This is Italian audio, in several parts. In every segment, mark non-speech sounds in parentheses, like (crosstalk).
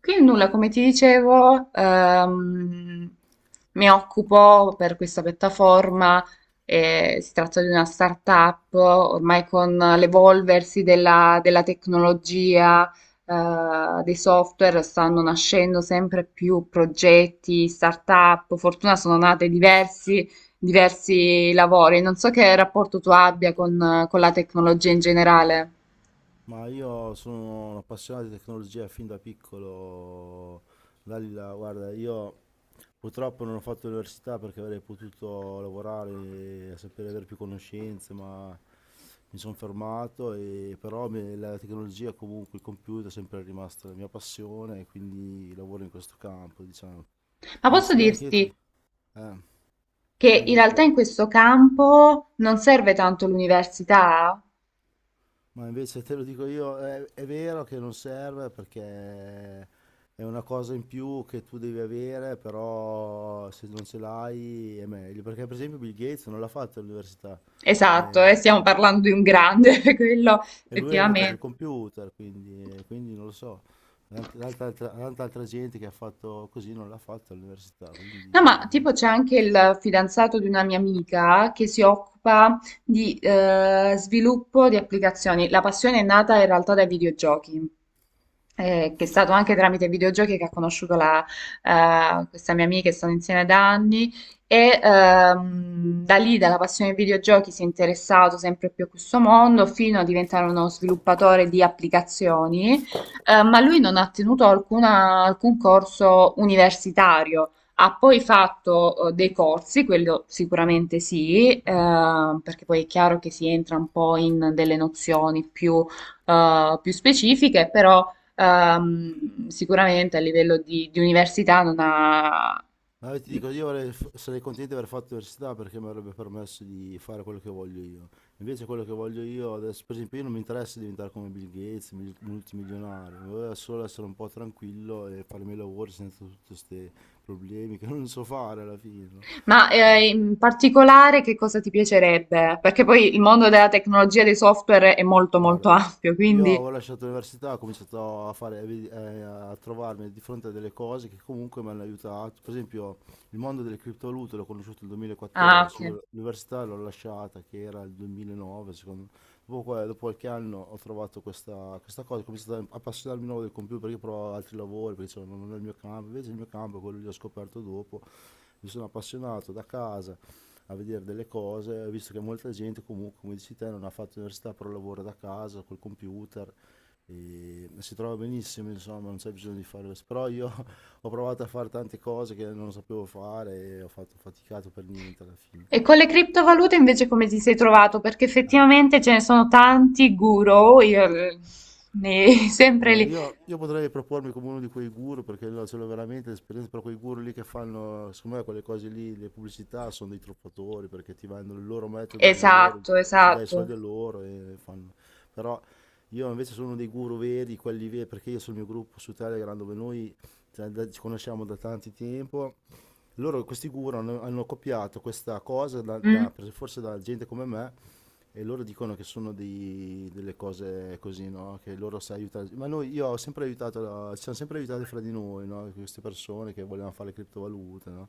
Quindi nulla, come ti dicevo, mi occupo per questa piattaforma, si tratta di una startup. Ormai con l'evolversi della tecnologia, dei software, stanno nascendo sempre più progetti, startup, fortuna sono nate diversi lavori. Non so che rapporto tu abbia con la tecnologia in generale. Ma io sono un appassionato di tecnologia fin da piccolo. Dalila, guarda, io purtroppo non ho fatto l'università perché avrei potuto lavorare, sapere avere più conoscenze, ma mi sono fermato e però la tecnologia, comunque il computer è sempre rimasta la mia passione e quindi lavoro in questo campo, diciamo. Ma posso Anzi, io anche io dirti ti... Eh, che Dimmi, in dimmi realtà in pure. questo campo non serve tanto l'università. Ma invece te lo dico io, è vero che non serve perché è una cosa in più che tu devi avere, però se non ce l'hai è meglio. Perché per esempio Bill Gates non l'ha fatto all'università, Esatto, stiamo eh, parlando di un grande, (laughs) quello e lui ha inventato il effettivamente. computer, quindi non lo so. Tanta altra gente che ha fatto così non l'ha fatto all'università, No, ma quindi non... tipo c'è anche il fidanzato di una mia amica che si occupa di sviluppo di applicazioni. La passione è nata in realtà dai videogiochi. Che è stato anche tramite i videogiochi che ha conosciuto questa mia amica, che stanno insieme da anni, e da lì, dalla passione ai videogiochi, si è interessato sempre più a questo mondo fino a diventare uno sviluppatore di applicazioni. Ma lui non ha tenuto alcun corso universitario. Ha poi fatto dei corsi, quello sicuramente sì, perché poi è chiaro che si entra un po' in delle nozioni più, più specifiche. Però sicuramente a livello di università non ha... Ma io ti dico, io sarei contento di aver fatto l'università perché mi avrebbe permesso di fare quello che voglio io. Invece quello che voglio io adesso, per esempio, io non mi interessa diventare come Bill Gates, multimilionario, mi voglio solo essere un po' tranquillo e fare i miei lavori senza tutti questi problemi che non so fare alla fine, no? Ma Eh, in particolare che cosa ti piacerebbe? Perché poi il mondo della tecnologia e dei software è molto molto Guarda, ampio, io quindi... avevo lasciato l'università, ho cominciato a fare, a trovarmi di fronte a delle cose che comunque mi hanno aiutato. Per esempio, il mondo delle criptovalute l'ho conosciuto nel Ah, ok. 2014, io l'università l'ho lasciata, che era il 2009, secondo me. Dopo qualche anno ho trovato questa cosa, ho cominciato a appassionarmi di nuovo del computer perché provavo altri lavori, perché insomma non è il mio campo, invece il mio campo è quello che ho scoperto dopo, mi sono appassionato da casa a vedere delle cose, visto che molta gente comunque, come dici te, non ha fatto università, però lavora da casa col computer e si trova benissimo, insomma, non c'è bisogno di fare questo. Però io (laughs) ho provato a fare tante cose che non sapevo fare e ho faticato per niente alla fine. E con le criptovalute invece come ti sei trovato? Perché Eh, effettivamente ce ne sono tanti guru, oh, ne (laughs) sempre Guarda, lì. io potrei propormi come uno di quei guru perché io ce l'ho veramente esperienza, però quei guru lì che fanno, secondo me quelle cose lì, le pubblicità sono dei truffatori perché ti vendono il loro metodo dove loro Esatto, si dà i esatto. soldi a loro e fanno. Però io invece sono uno dei guru veri, quelli veri, perché io sul mio gruppo su Telegram dove noi, cioè, ci conosciamo da tanti tempo, loro questi guru hanno, hanno copiato questa cosa Mm. Forse da gente come me e loro dicono che sono delle cose così, no? Che loro si aiutano. Ma noi, io ho sempre aiutato, ci siamo sempre aiutati fra di noi, no? Queste persone che volevano fare le criptovalute, no?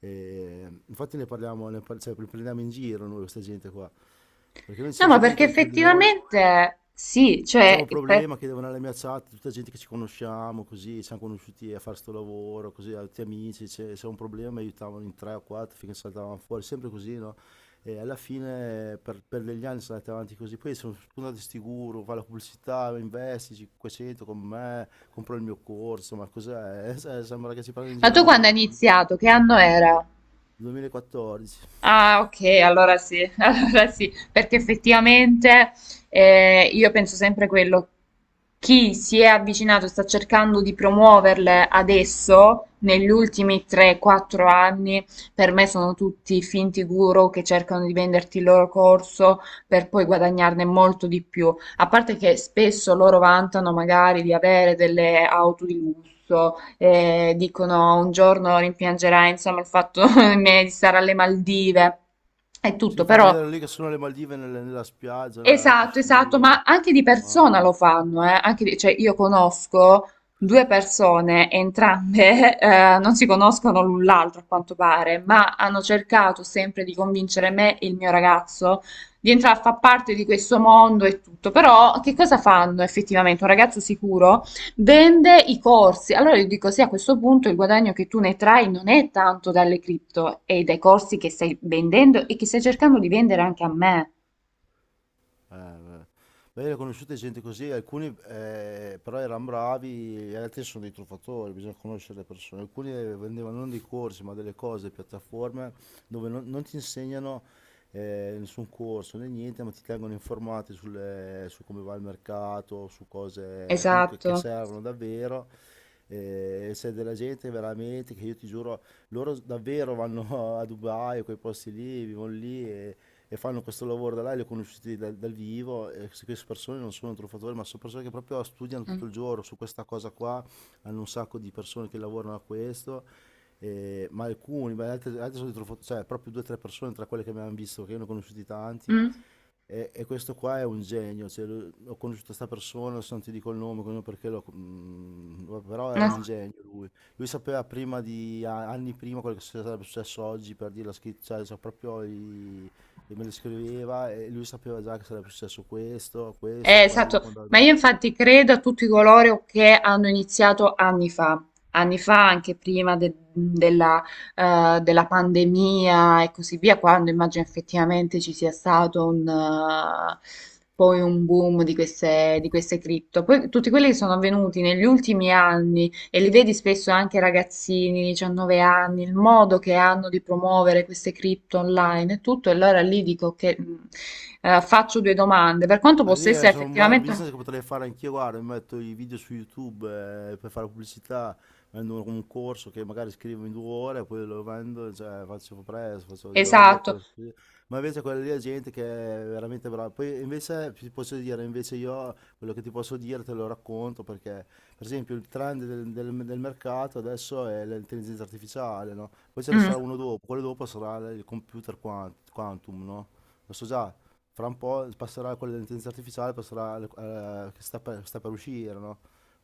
E infatti ne parliamo, cioè, li prendiamo in giro noi, questa gente qua, perché noi ci No, siamo ma sempre perché aiutati fra di noi. effettivamente sì, C'è un cioè, problema che devo andare alla mia chat, tutta gente che ci conosciamo, così, siamo conosciuti a fare sto lavoro, così, altri amici, c'è un problema, mi aiutavano in tre o quattro finché saltavano fuori, sempre così, no? E alla fine per degli anni sono andati avanti così, poi sono spuntati sti guru, fa la pubblicità, investi 500 con me, compro il mio corso, ma cos'è? (laughs) Sembra che ci prendano in ma giro a tu quando noi, hai capito? iniziato, che anno era? 2014. Ah, ok, allora sì, (laughs) allora sì, perché effettivamente io penso sempre quello, chi si è avvicinato e sta cercando di promuoverle adesso, negli ultimi 3-4 anni, per me sono tutti finti guru che cercano di venderti il loro corso per poi guadagnarne molto di più. A parte che spesso loro vantano magari di avere delle auto di lusso, dicono un giorno rimpiangerai, insomma, il fatto (laughs) di stare alle Maldive e tutto, Ci fa però vedere lì che sono le Maldive nella spiaggia, la esatto, esatto. piscina, Ma anche di persona mamma. lo fanno, cioè io conosco due persone, entrambe (laughs) non si conoscono l'un l'altro a quanto pare, ma hanno cercato sempre di convincere me e il mio ragazzo di entrare a far parte di questo mondo e tutto. Però che cosa fanno effettivamente? Un ragazzo sicuro vende i corsi. Allora io dico, sì, a questo punto il guadagno che tu ne trai non è tanto dalle cripto, è dai corsi che stai vendendo e che stai cercando di vendere anche a me. Eh, eh. Beh, io ho conosciute gente così, alcuni però erano bravi, gli altri sono dei truffatori, bisogna conoscere le persone. Alcuni vendevano non dei corsi, ma delle cose, piattaforme dove non ti insegnano, nessun corso né niente, ma ti tengono informati su come va il mercato, su cose comunque Esatto. che servono davvero. E c'è della gente veramente che io ti giuro, loro davvero vanno (laughs) a Dubai, quei posti lì, vivono lì e fanno questo lavoro da là, li ho conosciuti dal vivo, e queste persone non sono truffatori, ma sono persone che proprio studiano Mm. tutto il giorno su questa cosa qua, hanno un sacco di persone che lavorano a questo, e- ma alcuni, ma altri, altri sono dei truffatori, cioè proprio due o tre persone tra quelle che mi hanno visto, che io ne ho conosciuti tanti, Mm. e questo qua è un genio, cioè, ho conosciuto questa persona, adesso non ti dico il nome, non perché però è un No. genio lui. Lui sapeva prima di anni prima quello che sarebbe successo oggi per dire la scritta, cioè, proprio, e me le scriveva e lui sapeva già che sarebbe successo questo, questo, quello, Esatto, quando andava ma al io mercato. infatti credo a tutti coloro che hanno iniziato anni fa, anni fa, anche della, della pandemia e così via, quando immagino effettivamente ci sia stato un, poi un boom di di queste cripto. Poi tutti quelli che sono avvenuti negli ultimi anni e li vedi spesso anche ragazzini, 19 anni, il modo che hanno di promuovere queste cripto online e tutto, e allora lì dico che faccio due domande, per quanto Ali possa è essere sono un effettivamente business che potrei fare anch'io, guarda, mi metto i video su YouTube, per fare pubblicità, vendo un corso che magari scrivo in 2 ore, poi lo vendo, cioè, faccio presto, faccio io, esatto. questo, così. Ma invece quella lì è gente che è veramente brava. Poi invece ti posso dire, invece io quello che ti posso dire te lo racconto perché, per esempio, il trend del mercato adesso è l'intelligenza artificiale, no? Poi ce ne Mm. sarà uno dopo, quello dopo sarà il computer quantum, no? Lo so già, fra un po' passerà quella dell'intelligenza artificiale, passerà che sta per uscire, no?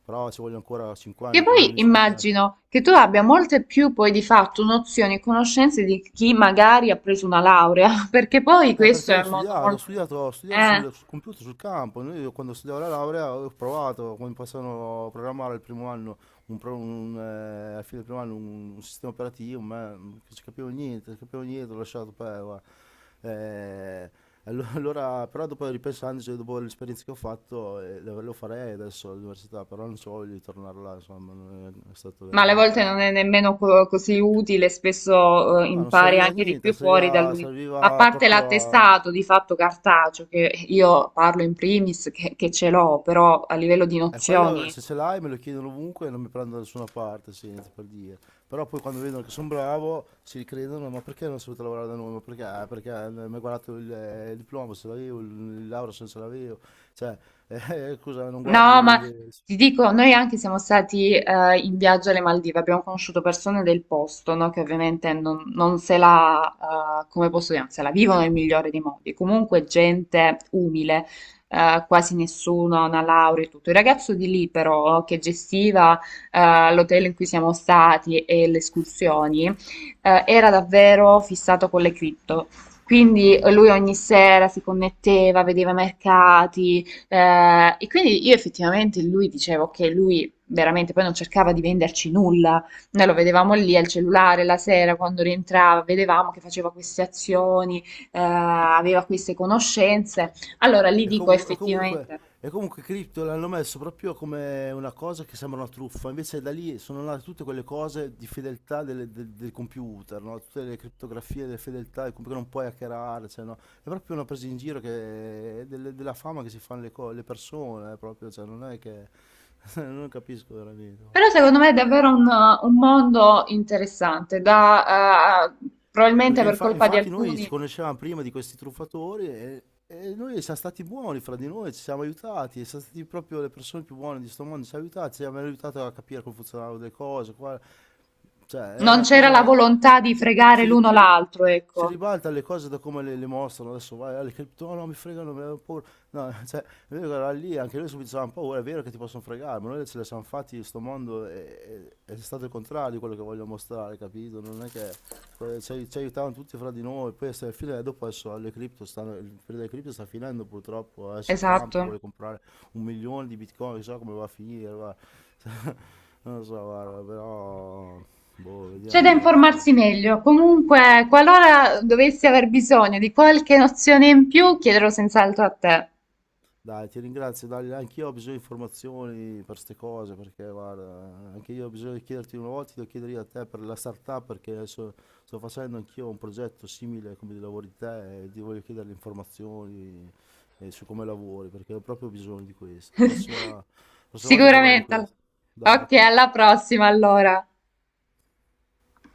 Però ci vogliono ancora 5 Che anni, poi probabilmente 5 anni. immagino che tu abbia molte più poi di fatto nozioni e conoscenze di chi magari ha preso una laurea, (laughs) perché poi questo Perché è io ho un mondo studiato, ho molto... studiato, ho studiato Eh. sul computer, sul campo. Noi, quando studiavo la laurea ho provato come possono programmare il primo anno, alla fine del primo anno un sistema operativo, ma non ci capivo niente, non capivo niente, ho lasciato per... guarda. Eh, (laughs) allora, però dopo ripensandoci, dopo l'esperienza che ho fatto, lo farei adesso all'università, però non so, voglio di tornare là, insomma, non è, è stato Ma alle volte veramente... non è nemmeno così utile, spesso No, non impari serviva a anche di niente, più fuori serviva, dall'università. A serviva parte proprio a... l'attestato di fatto cartaceo, che io parlo in primis, che ce l'ho, però a livello di E quello nozioni se ce l'hai me lo chiedono ovunque e non mi prendono da nessuna parte, senti, per dire. Però poi quando vedono che sono bravo si ricredono, ma perché non sei venuto a lavorare da noi? Ma perché? "Ah, perché mi hai guardato il diploma se l'avevo, il laurea se non ce l'avevo. Cioè, (laughs) scusa, non guardi no, ma le-". ti dico, noi anche siamo stati in viaggio alle Maldive, abbiamo conosciuto persone del posto, no, che ovviamente non se la, come posso dire, non se la vivono nel migliore dei modi. Comunque gente umile, quasi nessuno ha una laurea e tutto. Il ragazzo di lì però, che gestiva l'hotel in cui siamo stati e le escursioni, era davvero fissato con le cripto. Quindi lui ogni sera si connetteva, vedeva mercati, e quindi io effettivamente lui dicevo che lui veramente poi non cercava di venderci nulla, noi lo vedevamo lì al cellulare la sera quando rientrava, vedevamo che faceva queste azioni, aveva queste conoscenze. Allora lì E, dico comu- e comunque, effettivamente, e comunque Crypto l'hanno messo proprio come una cosa che sembra una truffa, invece da lì sono nate tutte quelle cose di fedeltà del computer, no? Tutte le criptografie delle fedeltà, il computer non puoi hackerare, cioè, no? È proprio una presa in giro della fama che si fanno le persone, proprio, cioè, non è che... (laughs) non capisco però veramente. secondo me è davvero un mondo interessante, da, probabilmente Perché per colpa di infatti noi ci alcuni conoscevamo prima di questi truffatori e noi siamo stati buoni fra di noi, ci siamo aiutati, e siamo stati proprio le persone più buone di sto mondo, ci siamo aiutati, ci hanno aiutato a capire come funzionavano le cose, qua- cioè è non una c'era la cosa... volontà di Si, fregare l'uno l'altro, si ecco, ribalta le cose da come le mostrano adesso vai alle cripto, no, no mi fregano mi hanno paura no (laughs) cioè noi eravamo lì anche noi subito avevamo paura è vero che ti possono fregare ma noi ce le siamo fatti sto mondo è stato il contrario di quello che voglio mostrare capito non è che ci aiutavamo tutti fra di noi, poi alla fine dopo adesso alle cripto stanno, il periodo delle cripto sta finendo purtroppo, adesso Trump che esatto. vuole comprare un milione di bitcoin, chissà come va a finire, guarda. (laughs) Non lo so, guarda, però boh, C'è da vediamo, dai, spero. informarsi meglio. Comunque, qualora dovessi aver bisogno di qualche nozione in più, chiederò senz'altro a te. Dai, ti ringrazio, Dalila. Anch'io ho bisogno di informazioni per queste cose, perché guarda, anche io ho bisogno di chiederti una volta, ti devo chiedere io a te per la startup, perché adesso sto facendo anch'io un progetto simile come di lavori di te e ti voglio chiedere le informazioni, su come lavori, perché ho proprio bisogno di questo. (laughs) Prossima volta parliamo di Sicuramente. questo. Dai, Ok, ok. alla prossima allora.